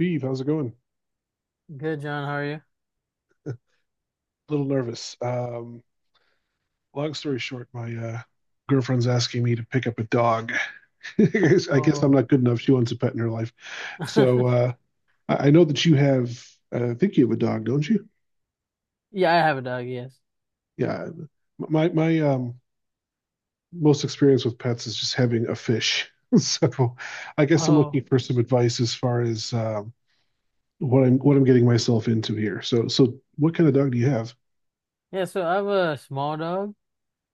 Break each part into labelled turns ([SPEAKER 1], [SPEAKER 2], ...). [SPEAKER 1] Beeve, how's it going?
[SPEAKER 2] Good, John. How are you?
[SPEAKER 1] A little nervous. Long story short, my girlfriend's asking me to pick up a dog. I guess I'm
[SPEAKER 2] Oh,
[SPEAKER 1] not good enough. She wants a pet in her life. So I know that you have, I think you have a dog, don't you?
[SPEAKER 2] yeah, I have a dog. Yes.
[SPEAKER 1] Yeah. My most experience with pets is just having a fish. So I guess I'm
[SPEAKER 2] Oh,
[SPEAKER 1] looking for some advice as far as what I'm getting myself into here. So what kind of dog do you have?
[SPEAKER 2] yeah. So I have a small dog,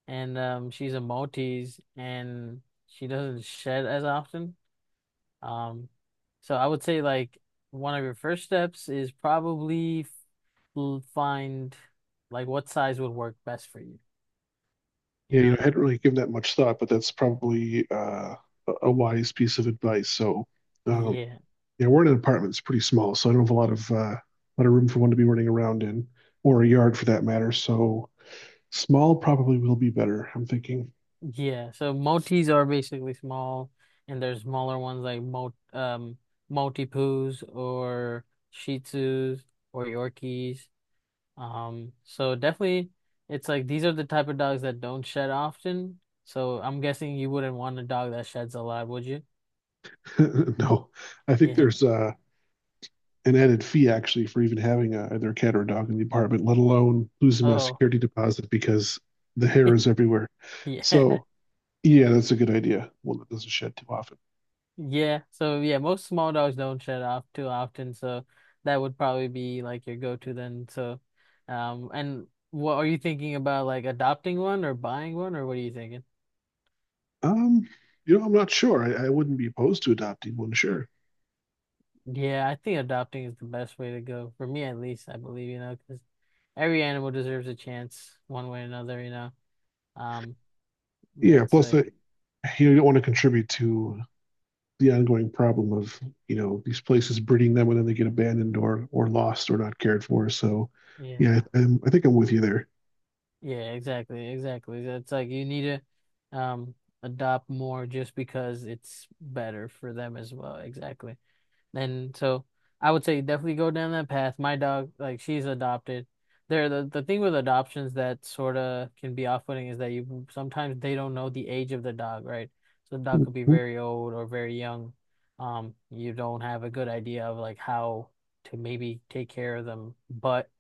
[SPEAKER 2] and she's a Maltese, and she doesn't shed as often. Um, so I would say like one of your first steps is probably find like what size would work best for you. You
[SPEAKER 1] Yeah, you know,
[SPEAKER 2] know?
[SPEAKER 1] I hadn't really given that much thought, but that's probably a wise piece of advice. So, um,
[SPEAKER 2] Yeah.
[SPEAKER 1] yeah, we're in an apartment; it's pretty small, so I don't have a lot of room for one to be running around in, or a yard for that matter. So, small probably will be better. I'm thinking.
[SPEAKER 2] Yeah, so motis are basically small, and there's smaller ones like mo Maltipoos or Shih Tzus or Yorkies. So definitely, it's like these are the type of dogs that don't shed often. So I'm guessing you wouldn't want a dog that sheds a lot, would you?
[SPEAKER 1] No, I think
[SPEAKER 2] Yeah.
[SPEAKER 1] there's an added fee actually for even having a, either a cat or a dog in the apartment, let alone losing my
[SPEAKER 2] Oh,
[SPEAKER 1] security deposit because the hair is everywhere.
[SPEAKER 2] yeah.
[SPEAKER 1] So, yeah, that's a good idea. One that doesn't shed too often.
[SPEAKER 2] Yeah, so yeah, most small dogs don't shed off too often, so that would probably be like your go-to then. So, and what are you thinking about like adopting one or buying one or what are you thinking?
[SPEAKER 1] Um, you know, I'm not sure. I wouldn't be opposed to adopting one, sure.
[SPEAKER 2] Yeah, I think adopting is the best way to go for me at least, I believe, you know, because every animal deserves a chance one way or another, you know. Um,
[SPEAKER 1] Yeah,
[SPEAKER 2] that's
[SPEAKER 1] plus
[SPEAKER 2] like,
[SPEAKER 1] you don't want to contribute to the ongoing problem of, you know, these places breeding them and then they get abandoned or lost or not cared for. So, yeah,
[SPEAKER 2] yeah,
[SPEAKER 1] I think I'm with you there.
[SPEAKER 2] yeah, exactly, exactly. That's like you need to adopt more just because it's better for them as well. Exactly. And so I would say definitely go down that path. My dog, like she's adopted. The thing with adoptions that sort of can be off-putting is that you sometimes they don't know the age of the dog, right? So the dog
[SPEAKER 1] Mhm.
[SPEAKER 2] could be
[SPEAKER 1] Do
[SPEAKER 2] very old or very young. You don't have a good idea of like how to maybe take care of them. But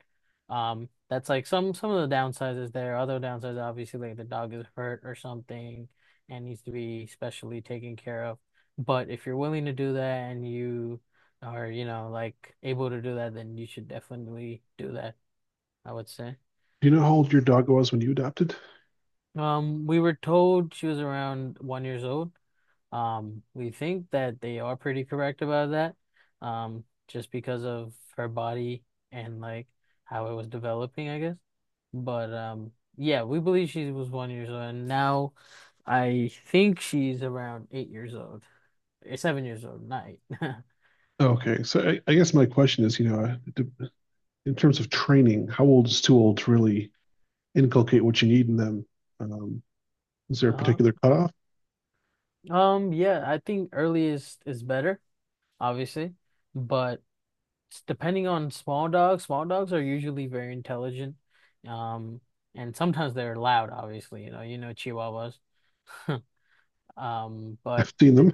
[SPEAKER 2] that's like some of the downsides is there. Other downsides, obviously, like the dog is hurt or something and needs to be specially taken care of. But if you're willing to do that and you or you know like able to do that, then you should definitely do that, I would say.
[SPEAKER 1] you know how old your dog was when you adopted?
[SPEAKER 2] We were told she was around 1 year old. We think that they are pretty correct about that. Just because of her body and like how it was developing, I guess. But yeah, we believe she was 1 year old, and now I think she's around 8 years old, or 7 years old, not eight.
[SPEAKER 1] Okay, so I guess my question is, you know, in terms of training, how old is too old to really inculcate what you need in them? Um, is there a
[SPEAKER 2] Uh-huh.
[SPEAKER 1] particular cutoff?
[SPEAKER 2] Yeah, I think earliest is better. Obviously. But depending on small dogs are usually very intelligent. Um, and sometimes they're loud, obviously, you know Chihuahuas. But
[SPEAKER 1] I've seen
[SPEAKER 2] th
[SPEAKER 1] them,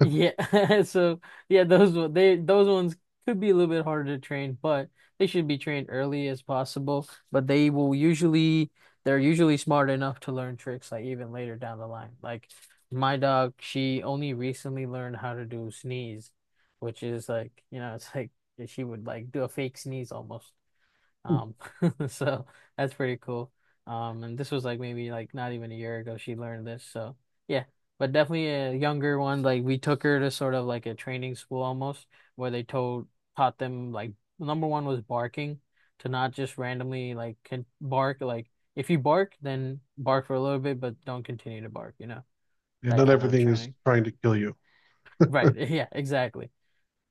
[SPEAKER 2] yeah, so yeah, they those ones could be a little bit harder to train, but they should be trained early as possible. But they will usually they're usually smart enough to learn tricks like even later down the line. Like my dog, she only recently learned how to do sneeze, which is like, you know, it's like she would like do a fake sneeze almost. Um, so that's pretty cool. And this was like maybe like not even a year ago she learned this. So yeah, but definitely a younger one. Like we took her to sort of like a training school almost where they told taught them like number one was barking to not just randomly like can bark. Like if you bark, then bark for a little bit, but don't continue to bark, you know,
[SPEAKER 1] and
[SPEAKER 2] that
[SPEAKER 1] not
[SPEAKER 2] kind of
[SPEAKER 1] everything is
[SPEAKER 2] training.
[SPEAKER 1] trying to kill you.
[SPEAKER 2] Right. Yeah, exactly.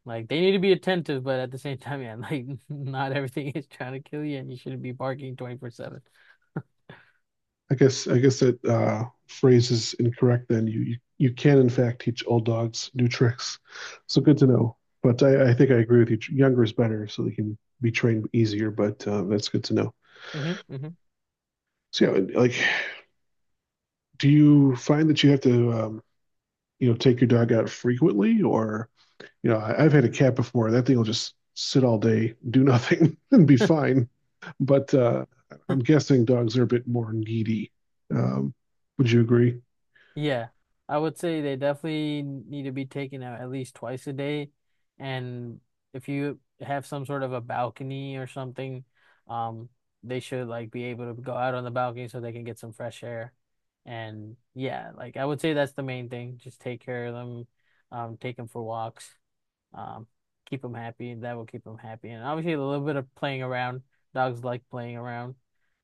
[SPEAKER 2] Like they need to be attentive, but at the same time, yeah, like not everything is trying to kill you, and you shouldn't be barking 24/7.
[SPEAKER 1] I guess that phrase is incorrect. Then you, you can in fact teach old dogs new tricks. So good to know. But I think I agree with you. Younger is better, so they can be trained easier. But that's good to know.
[SPEAKER 2] hmm hmm
[SPEAKER 1] So yeah, like, do you find that you have to you know take your dog out frequently, or you know I've had a cat before. That thing will just sit all day, do nothing, and be fine. But I'm guessing dogs are a bit more needy. Um, would you agree?
[SPEAKER 2] Yeah, I would say they definitely need to be taken out at least twice a day. And if you have some sort of a balcony or something, um, they should like be able to go out on the balcony so they can get some fresh air. And yeah, like I would say that's the main thing. Just take care of them, take them for walks um, keep them happy. That will keep them happy. And obviously, a little bit of playing around. Dogs like playing around.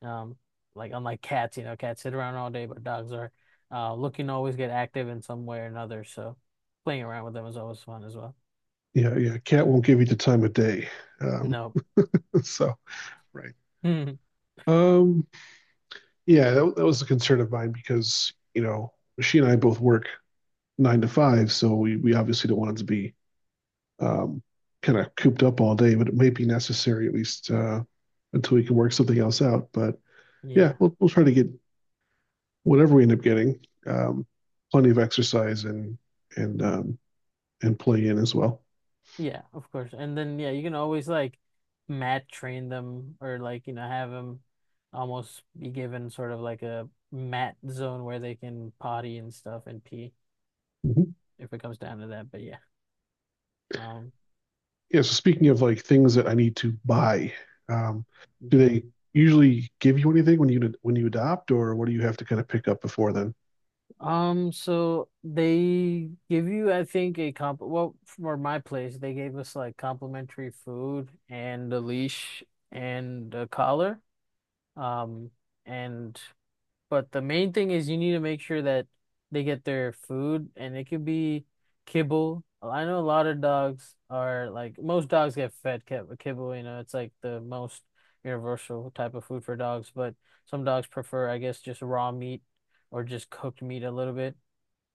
[SPEAKER 2] Um, like unlike cats, you know, cats sit around all day, but dogs are looking to always get active in some way or another. So playing around with them is always fun as well.
[SPEAKER 1] Yeah, yeah. Cat won't give you the time of day. Um,
[SPEAKER 2] No.
[SPEAKER 1] so right. Um, yeah, that was a concern of mine because you know she and I both work 9 to 5, so we obviously don't want it to be um, kind of cooped up all day, but it may be necessary at least until we can work something else out. But yeah,
[SPEAKER 2] Yeah.
[SPEAKER 1] we'll try to get whatever we end up getting, um, plenty of exercise and and and play in as well.
[SPEAKER 2] Yeah, of course. And then yeah, you can always like mat train them or like, you know, have them almost be given sort of like a mat zone where they can potty and stuff and pee
[SPEAKER 1] Mhm.
[SPEAKER 2] if it comes down to that. But yeah. Um
[SPEAKER 1] Yeah, so speaking of like things that I need to buy, um, do
[SPEAKER 2] Yeah.
[SPEAKER 1] they usually give you anything when you adopt, or what do you have to kind of pick up before then?
[SPEAKER 2] So they give you, I think, a comp well, for my place, they gave us like complimentary food and a leash and a collar. Um, and But the main thing is you need to make sure that they get their food, and it could be kibble. I know a lot of dogs are like most dogs get fed kibble. You know, it's like the most universal type of food for dogs. But some dogs prefer, I guess, just raw meat or just cooked meat a little bit.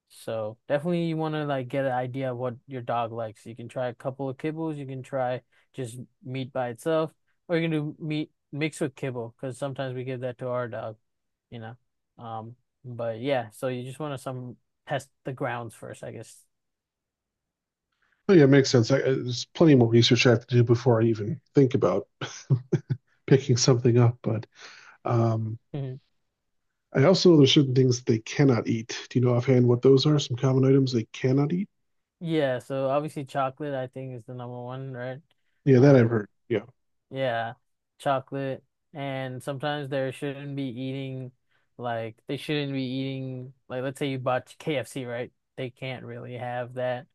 [SPEAKER 2] So definitely you want to like get an idea of what your dog likes. You can try a couple of kibbles, you can try just meat by itself, or you can do meat mixed with kibble because sometimes we give that to our dog, you know. Um, but yeah, so you just want to some test the grounds first, I guess.
[SPEAKER 1] Oh, yeah, it makes sense. There's plenty more research I have to do before I even think about picking something up. But um,
[SPEAKER 2] Mhm.
[SPEAKER 1] I also know there's certain things they cannot eat. Do you know offhand what those are? Some common items they cannot eat?
[SPEAKER 2] Yeah, so obviously chocolate I think is the number one, right?
[SPEAKER 1] Yeah, that I've
[SPEAKER 2] Um,
[SPEAKER 1] heard. Yeah.
[SPEAKER 2] Yeah, chocolate. And sometimes they shouldn't be eating, like, they shouldn't be eating, like, let's say you bought KFC, right? They can't really have that.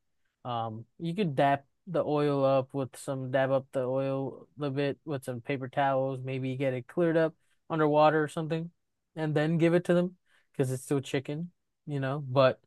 [SPEAKER 2] You could dap the oil up with some, dab up the oil a little bit with some paper towels, maybe get it cleared up underwater or something, and then give it to them because it's still chicken, you know? But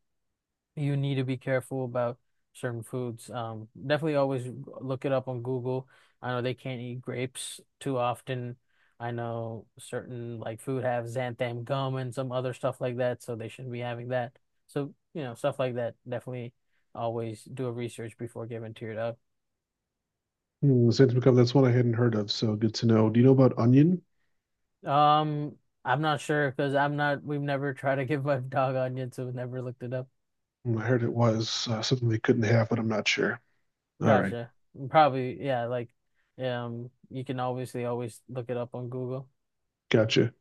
[SPEAKER 2] you need to be careful about certain foods. Definitely always look it up on Google. I know they can't eat grapes too often. I know certain like food have xanthan gum and some other stuff like that, so they shouldn't be having that. So, you know, stuff like that. Definitely always do a research before giving to your dog.
[SPEAKER 1] Hmm, since become that's one I hadn't heard of, so good to know. Do you know about onion?
[SPEAKER 2] Um, I'm not sure because I'm not, we've never tried to give my dog onions, so we've never looked it up.
[SPEAKER 1] Hmm, I heard it was something they couldn't have, but I'm not sure. All right,
[SPEAKER 2] Gotcha. Probably, yeah, like, you can obviously always look it up on Google.
[SPEAKER 1] gotcha.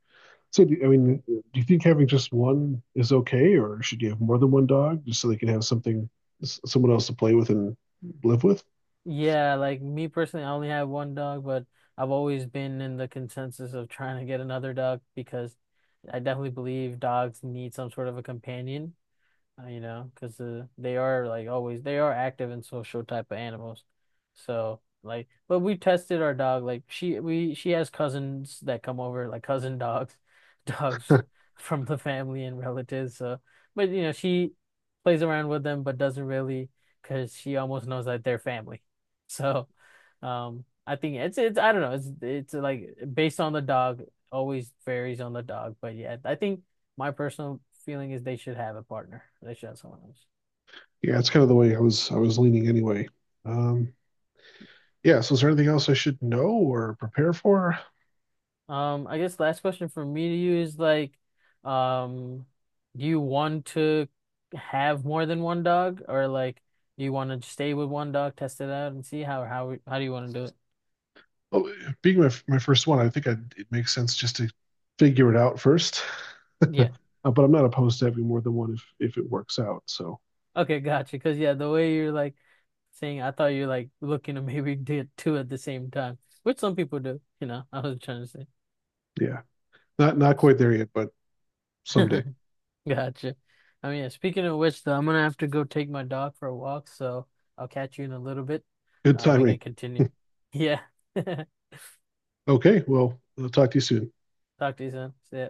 [SPEAKER 1] So, do, I mean, do you think having just one is okay, or should you have more than one dog just so they can have something, someone else to play with and live with?
[SPEAKER 2] Yeah, like me personally, I only have one dog, but I've always been in the consensus of trying to get another dog because I definitely believe dogs need some sort of a companion you know, because they are like always they are active and social type of animals. So like, but we tested our dog. Like she has cousins that come over, like cousin dogs, dogs from the family and relatives. So, but you know, she plays around with them, but doesn't really, because she almost knows that they're family. So, I think it's I don't know. It's like based on the dog, always varies on the dog. But yeah, I think my personal feeling is they should have a partner. They should have someone else.
[SPEAKER 1] Yeah, it's kind of the way I was leaning anyway. Um, yeah. So, is there anything else I should know or prepare for?
[SPEAKER 2] I guess last question from me to you is like, um, do you want to have more than one dog, or like, do you want to stay with one dog, test it out, and see how do you want to do it?
[SPEAKER 1] Well, being my my first one, it makes sense just to figure it out first.
[SPEAKER 2] Yeah.
[SPEAKER 1] But I'm not opposed to having more than one if it works out. So,
[SPEAKER 2] Okay, gotcha. Because yeah, the way you're like saying, I thought you're like looking to maybe do two at the same time, which some people do. You know, I was trying to
[SPEAKER 1] yeah, not quite there yet, but
[SPEAKER 2] say.
[SPEAKER 1] someday.
[SPEAKER 2] Gotcha. I mean, yeah, speaking of which, though, I'm gonna have to go take my dog for a walk, so I'll catch you in a little bit.
[SPEAKER 1] Good
[SPEAKER 2] We
[SPEAKER 1] timing.
[SPEAKER 2] can continue. Yeah.
[SPEAKER 1] Okay. Well, I'll talk to you soon.
[SPEAKER 2] Talk to you soon. See ya.